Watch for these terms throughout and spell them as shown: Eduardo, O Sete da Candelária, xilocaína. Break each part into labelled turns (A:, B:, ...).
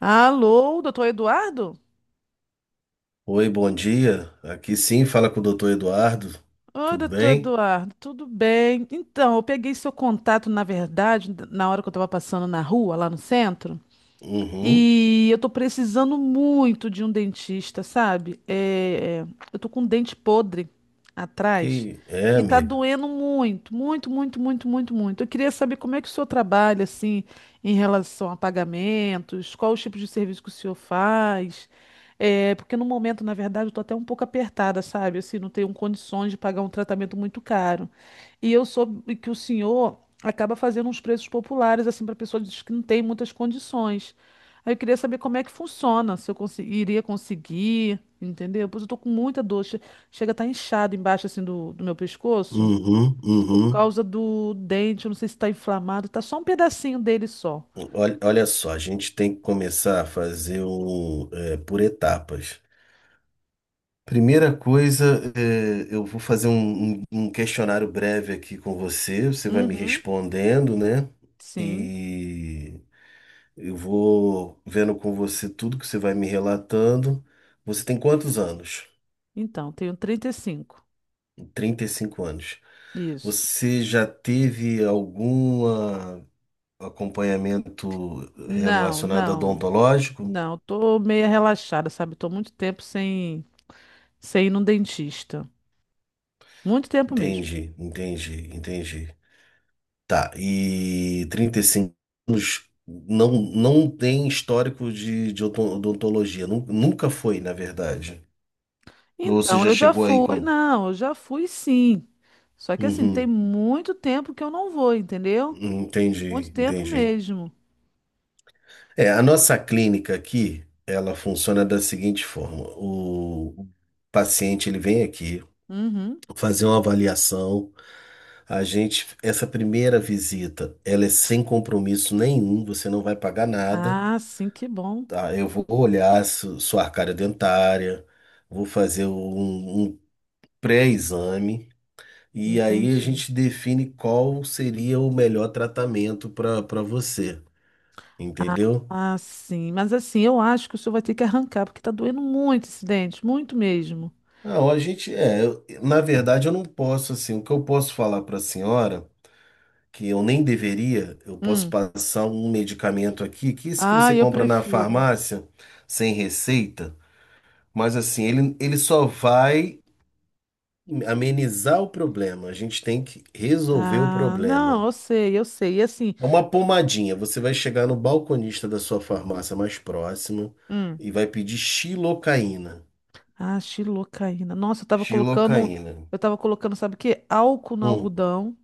A: Alô, doutor Eduardo?
B: Oi, bom dia. Aqui sim, fala com o doutor Eduardo.
A: Oi,
B: Tudo
A: doutor
B: bem?
A: Eduardo, tudo bem? Então, eu peguei seu contato, na verdade, na hora que eu estava passando na rua, lá no centro.
B: Uhum.
A: E eu tô precisando muito de um dentista, sabe? Eu tô com um dente podre atrás
B: Que é,
A: e tá
B: amiga?
A: doendo muito, muito, muito, muito, muito, muito. Eu queria saber como é que o senhor trabalha, assim, em relação a pagamentos, qual o tipo de serviço que o senhor faz. É, porque no momento, na verdade, eu tô até um pouco apertada, sabe? Assim, não tenho condições de pagar um tratamento muito caro. E eu soube que o senhor acaba fazendo uns preços populares, assim, para pessoas que não têm muitas condições. Aí eu queria saber como é que funciona, se eu consi- iria conseguir, entendeu? Pois eu tô com muita dor, chega a estar inchado embaixo assim do meu pescoço
B: Uhum,
A: por
B: uhum.
A: causa do dente, eu não sei se tá inflamado, tá só um pedacinho dele só.
B: Olha, olha só, a gente tem que começar a fazer por etapas. Primeira coisa, é, eu vou fazer um, um questionário breve aqui com você. Você vai me
A: Uhum,
B: respondendo, né?
A: sim.
B: E eu vou vendo com você tudo que você vai me relatando. Você tem quantos anos?
A: Então, tenho 35.
B: 35 anos.
A: Isso.
B: Você já teve algum acompanhamento
A: Não,
B: relacionado a
A: não.
B: odontológico?
A: Não, tô meia relaxada, sabe? Tô muito tempo sem ir num dentista. Muito tempo mesmo.
B: Entendi, entendi, entendi. Tá, e 35 anos não, não tem histórico de, de odontologia, nunca foi, na verdade. Ou você
A: Então,
B: já
A: eu já
B: chegou aí
A: fui,
B: com.
A: não, eu já fui sim. Só que assim, tem
B: Uhum,
A: muito tempo que eu não vou, entendeu? Muito
B: entendi,
A: tempo
B: entendi.
A: mesmo.
B: É, a nossa clínica aqui, ela funciona da seguinte forma: o paciente ele vem aqui
A: Uhum.
B: fazer uma avaliação. A gente, essa primeira visita, ela é sem compromisso nenhum, você não vai pagar nada,
A: Ah, sim, que bom.
B: tá? Eu vou olhar sua arcária dentária, vou fazer um, um pré-exame e aí a
A: Entendi.
B: gente define qual seria o melhor tratamento para você,
A: Ah,
B: entendeu?
A: ah, sim. Mas assim, eu acho que o senhor vai ter que arrancar, porque tá doendo muito esse dente, muito mesmo.
B: Não, a gente é, eu- na verdade eu não posso assim, o que eu posso falar para a senhora que eu nem deveria, eu posso
A: Hum.
B: passar um medicamento aqui, que isso que você
A: Ah, eu
B: compra na
A: prefiro.
B: farmácia, sem receita, mas assim, ele só vai amenizar o problema. A gente tem que resolver o
A: Ah, não,
B: problema.
A: eu sei, eu sei. E assim,
B: É uma pomadinha. Você vai chegar no balconista da sua farmácia mais próxima
A: hum.
B: e vai pedir xilocaína.
A: Ah, xilocaína. Nossa,
B: Xilocaína.
A: eu tava colocando, sabe o quê? Álcool no
B: Hum,
A: algodão.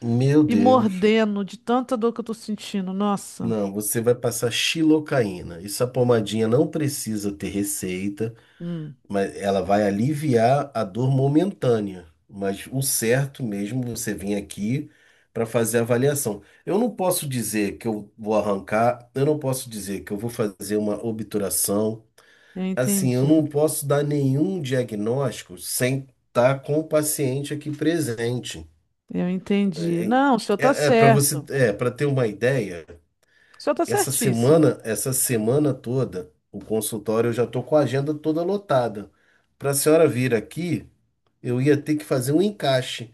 B: meu
A: E
B: Deus.
A: mordendo de tanta dor que eu tô sentindo. Nossa,
B: Não, você vai passar xilocaína. Essa pomadinha não precisa ter receita.
A: hum.
B: Mas ela vai aliviar a dor momentânea. Mas o certo mesmo, é você vir aqui para fazer a avaliação. Eu não posso dizer que eu vou arrancar, eu não posso dizer que eu vou fazer uma obturação.
A: Eu
B: Assim, eu
A: entendi.
B: não posso dar nenhum diagnóstico sem estar com o paciente aqui presente.
A: Eu entendi. Não, o senhor tá
B: É, para você,
A: certo.
B: é, para ter uma ideia,
A: O senhor tá certíssimo.
B: essa semana toda, o consultório eu já estou com a agenda toda lotada. Para a senhora vir aqui, eu ia ter que fazer um encaixe.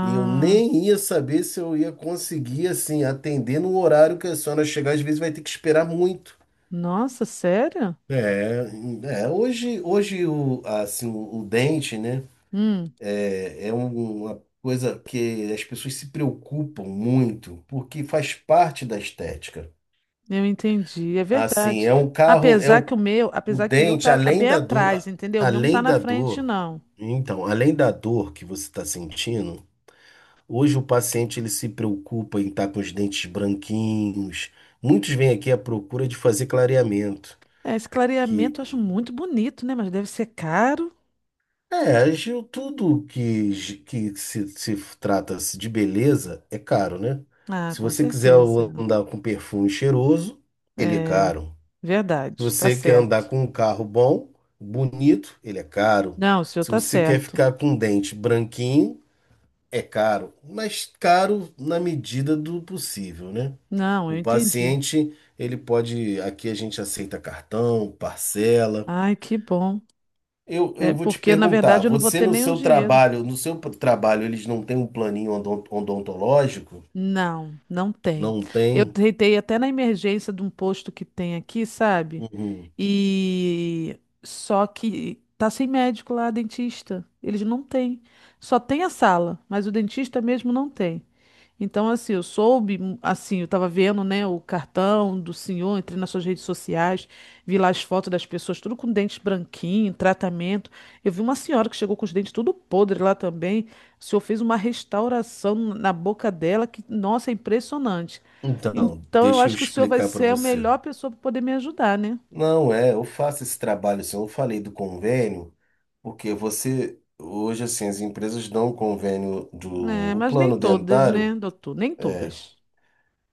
B: E eu nem ia saber se eu ia conseguir, assim, atender no horário que a senhora chegar. Às vezes vai ter que esperar muito.
A: nossa, sério?
B: É, hoje o, assim, o dente, né,
A: Hum,
B: é uma coisa que as pessoas se preocupam muito, porque faz parte da estética.
A: eu entendi. É
B: Assim,
A: verdade.
B: é um carro, é
A: Apesar que o meu,
B: o
A: apesar que o meu
B: dente,
A: tá
B: além
A: bem
B: da dor,
A: atrás, entendeu? O meu não tá
B: além
A: na
B: da
A: frente,
B: dor,
A: não.
B: então, além da dor que você está sentindo, hoje o paciente ele se preocupa em estar com os dentes branquinhos. Muitos vêm aqui à procura de fazer clareamento,
A: É, esse
B: que
A: clareamento eu acho muito bonito, né? Mas deve ser caro.
B: é, agiu tudo que, que se trata -se de beleza é caro, né?
A: Ah,
B: Se
A: com
B: você quiser
A: certeza.
B: andar com perfume cheiroso, ele é
A: É,
B: caro. Se
A: verdade. Tá
B: você quer andar
A: certo.
B: com um carro bom, bonito, ele é caro.
A: Não, o senhor
B: Se
A: tá
B: você quer
A: certo.
B: ficar com um dente branquinho, é caro, mas caro na medida do possível, né?
A: Não,
B: O
A: eu entendi.
B: paciente, ele pode. Aqui a gente aceita cartão, parcela.
A: Ai, que bom.
B: Eu
A: É
B: vou te
A: porque, na
B: perguntar,
A: verdade, eu não vou
B: você
A: ter
B: no
A: nenhum
B: seu
A: dinheiro.
B: trabalho, no trabalho, eles não têm um planinho odontológico?
A: Não, não tem.
B: Não
A: Eu
B: tem?
A: tentei até na emergência de um posto que tem aqui, sabe?
B: Uhum.
A: E só que tá sem médico lá, dentista. Eles não têm. Só tem a sala, mas o dentista mesmo não tem. Então, assim, assim, eu tava vendo, né, o cartão do senhor, entrei nas suas redes sociais, vi lá as fotos das pessoas, tudo com dentes branquinho, tratamento. Eu vi uma senhora que chegou com os dentes tudo podre lá também. O senhor fez uma restauração na boca dela que, nossa, é impressionante.
B: Então,
A: Então, eu
B: deixa eu
A: acho que o senhor vai
B: explicar para
A: ser a
B: você.
A: melhor pessoa para poder me ajudar, né?
B: Não é, eu faço esse trabalho, assim, eu falei do convênio, porque você, hoje, assim, as empresas dão o convênio do,
A: É,
B: o
A: mas nem
B: plano
A: todas, né,
B: dentário.
A: doutor? Nem
B: É,
A: todas.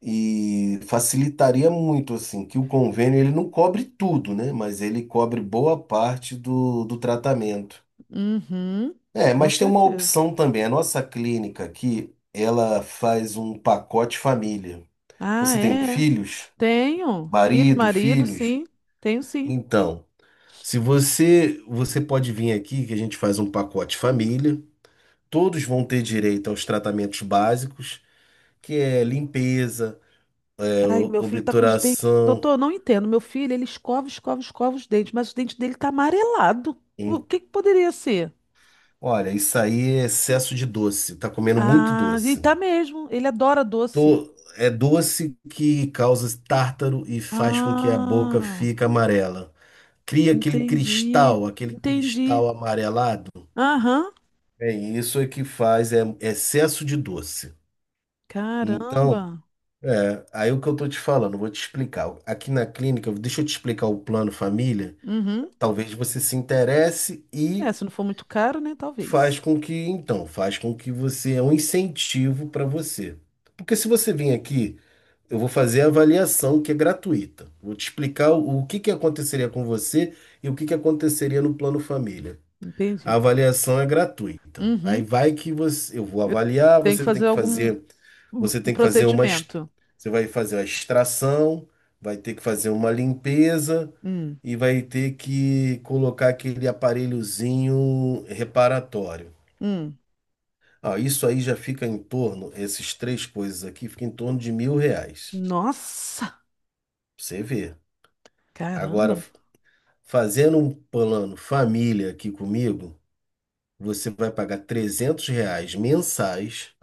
B: e facilitaria muito, assim, que o convênio ele não cobre tudo, né? Mas ele cobre boa parte do, do tratamento.
A: Uhum,
B: É,
A: com
B: mas tem uma
A: certeza.
B: opção também. A nossa clínica aqui, ela faz um pacote família.
A: Ah,
B: Você tem
A: é.
B: filhos?
A: Tenho. Filhos,
B: Marido,
A: marido,
B: filhos?
A: sim. Tenho sim.
B: Então, se você, você pode vir aqui que a gente faz um pacote família. Todos vão ter direito aos tratamentos básicos, que é limpeza, é,
A: Ai, meu filho tá com os dentes.
B: obturação.
A: Doutor, eu não entendo. Meu filho, ele escova, escova, escova os dentes, mas os dentes dele tá amarelado. O que que poderia ser?
B: Olha, isso aí é excesso de doce. Tá comendo muito
A: Ah, e
B: doce.
A: tá mesmo. Ele adora doce.
B: É doce que causa tártaro e faz com que a boca
A: Ah,
B: fique amarela. Cria
A: entendi.
B: aquele
A: Entendi.
B: cristal amarelado.
A: Aham.
B: É isso é que faz, é excesso de doce.
A: Caramba.
B: Então, é, aí o que eu tô te falando, eu vou te explicar. Aqui na clínica, deixa eu te explicar o plano família.
A: Uhum.
B: Talvez você se interesse
A: É,
B: e
A: se não for muito caro, né?
B: faz
A: Talvez.
B: com que, então, faz com que você é um incentivo para você. Porque se você vir aqui, eu vou fazer a avaliação que é gratuita. Vou te explicar o que que aconteceria com você e o que que aconteceria no plano família. A
A: Entendi.
B: avaliação é gratuita. Aí
A: Uhum.
B: vai que você, eu vou
A: Eu
B: avaliar,
A: tenho que
B: você tem
A: fazer
B: que
A: algum
B: fazer, você tem que fazer
A: procedimento.
B: você vai fazer a extração, vai ter que fazer uma limpeza
A: Hum.
B: e vai ter que colocar aquele aparelhozinho reparatório.
A: Hum.
B: Ah, isso aí já fica em torno, esses três coisas aqui, fica em torno de R$ 1.000.
A: Nossa,
B: Pra você vê. Agora,
A: caramba.
B: fazendo um plano família aqui comigo, você vai pagar R$ 300 mensais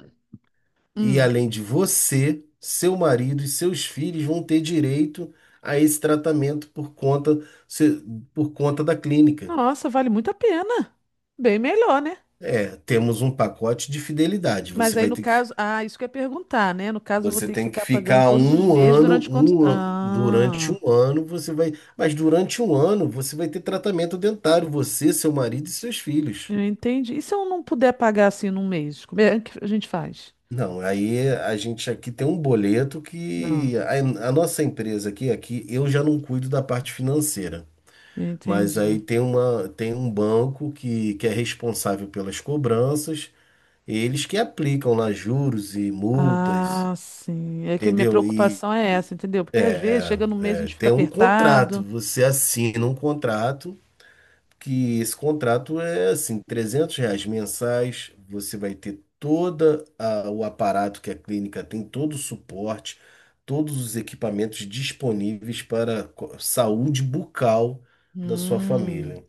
B: e
A: Hum.
B: além de você, seu marido e seus filhos vão ter direito a esse tratamento por conta, se- por conta da clínica.
A: Nossa, vale muito a pena. Bem melhor, né?
B: É, temos um pacote de fidelidade.
A: Mas
B: Você
A: aí
B: vai
A: no
B: ter que
A: caso, ah, isso que eu ia perguntar, né? No caso, eu vou
B: você
A: ter que
B: tem que
A: ficar pagando
B: ficar
A: todos os
B: um
A: meses
B: ano,
A: durante quanto?
B: durante
A: Ah.
B: um ano você vai, mas durante um ano você vai ter tratamento dentário, você, seu marido e seus filhos.
A: Eu entendi. E se eu não puder pagar assim num mês? Como é que a gente faz?
B: Não, aí a gente aqui tem um boleto
A: Não,
B: que a nossa empresa aqui, aqui eu já não cuido da parte financeira,
A: eu
B: mas
A: entendi.
B: aí tem uma, tem um banco que é responsável pelas cobranças, eles que aplicam lá juros e multas,
A: Ah, sim. É que minha
B: entendeu? E
A: preocupação é essa, entendeu? Porque às vezes chega no mês a
B: é,
A: gente fica
B: tem um contrato,
A: apertado.
B: você assina um contrato que esse contrato é assim, R$ 300 mensais, você vai ter toda o aparato que a clínica tem, todo o suporte, todos os equipamentos disponíveis para saúde bucal da sua
A: Hum.
B: família.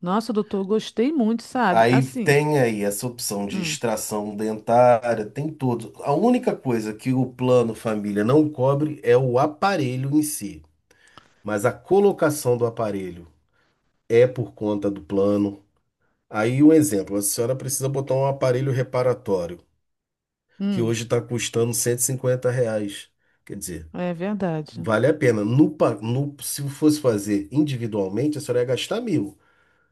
A: Nossa, doutor, gostei muito, sabe?
B: Aí
A: Assim.
B: tem aí essa opção de
A: Hum,
B: extração dentária, tem tudo. A única coisa que o plano família não cobre é o aparelho em si, mas a colocação do aparelho é por conta do plano. Aí um exemplo, a senhora precisa botar um aparelho reparatório, que
A: hum,
B: hoje está custando R$ 150. Quer dizer,
A: é verdade.
B: vale a pena. Se fosse fazer individualmente, a senhora ia gastar 1.000.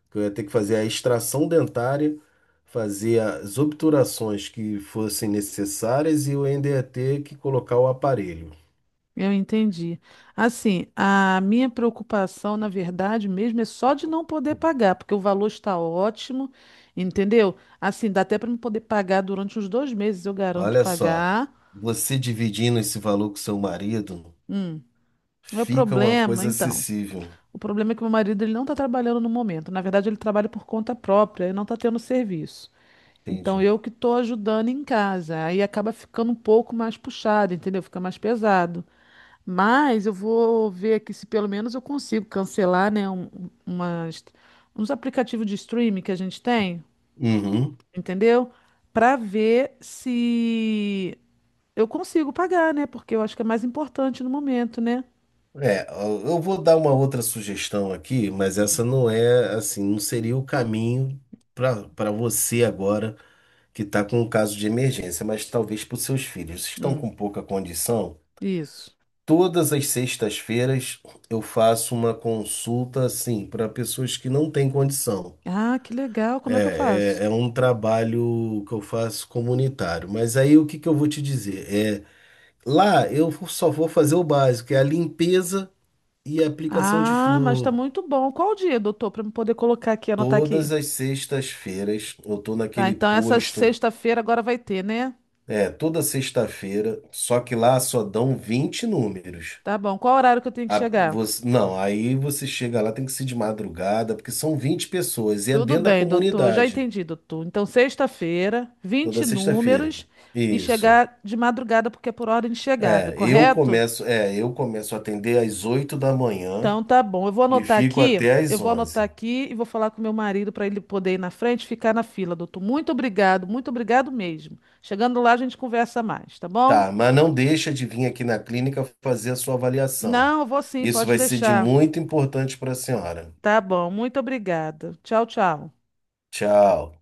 B: Que eu ia ter que fazer a extração dentária, fazer as obturações que fossem necessárias e eu ainda ia ter que colocar o aparelho.
A: Eu entendi. Assim, a minha preocupação, na verdade, mesmo é só de não poder pagar, porque o valor está ótimo, entendeu? Assim, dá até para não poder pagar durante uns 2 meses, eu garanto
B: Olha só,
A: pagar.
B: você dividindo esse valor com seu marido,
A: Hum, é o
B: fica uma
A: problema,
B: coisa
A: então.
B: acessível.
A: O problema é que meu marido ele não está trabalhando no momento. Na verdade, ele trabalha por conta própria e não está tendo serviço. Então,
B: Entendi.
A: eu que estou ajudando em casa. Aí acaba ficando um pouco mais puxado, entendeu? Fica mais pesado. Mas eu vou ver aqui se pelo menos eu consigo cancelar, né, umas, uns aplicativos de streaming que a gente tem,
B: Uhum.
A: entendeu? Para ver se eu consigo pagar, né? Porque eu acho que é mais importante no momento, né?
B: É, eu vou dar uma outra sugestão aqui, mas essa não é assim, não seria o caminho para você agora que está com um caso de emergência, mas talvez para os seus filhos. Vocês estão
A: Hum,
B: com pouca condição?
A: isso.
B: Todas as sextas-feiras eu faço uma consulta assim para pessoas que não têm condição.
A: Ah, que legal. Como é que eu faço?
B: É um trabalho que eu faço comunitário. Mas aí o que que eu vou te dizer? É, lá eu só vou fazer o básico, que é a limpeza e a aplicação de
A: Ah, mas tá
B: flúor.
A: muito bom. Qual o dia, doutor, para eu poder colocar aqui, anotar aqui?
B: Todas as sextas-feiras eu tô
A: Tá,
B: naquele
A: então essa
B: posto,
A: sexta-feira agora vai ter, né?
B: é, toda sexta-feira, só que lá só dão 20 números.
A: Tá bom. Qual horário que eu tenho que chegar?
B: Não, aí você chega lá, tem que ser de madrugada, porque são 20 pessoas e é
A: Tudo
B: dentro da
A: bem, doutor. Já
B: comunidade,
A: entendi, doutor. Então, sexta-feira,
B: toda
A: 20
B: sexta-feira.
A: números e
B: Isso.
A: chegar de madrugada, porque é por ordem de chegada, correto?
B: É, eu começo a atender às 8 da manhã
A: Então, tá bom. Eu vou
B: e
A: anotar
B: fico
A: aqui,
B: até
A: eu
B: às
A: vou anotar
B: 11h.
A: aqui e vou falar com meu marido para ele poder ir na frente e ficar na fila, doutor. Muito obrigado mesmo. Chegando lá, a gente conversa mais, tá bom?
B: Tá, mas não deixa de vir aqui na clínica fazer a sua avaliação.
A: Não, eu vou sim,
B: Isso
A: pode
B: vai ser de
A: deixar.
B: muito importante para a senhora.
A: Tá bom, muito obrigada. Tchau, tchau.
B: Tchau.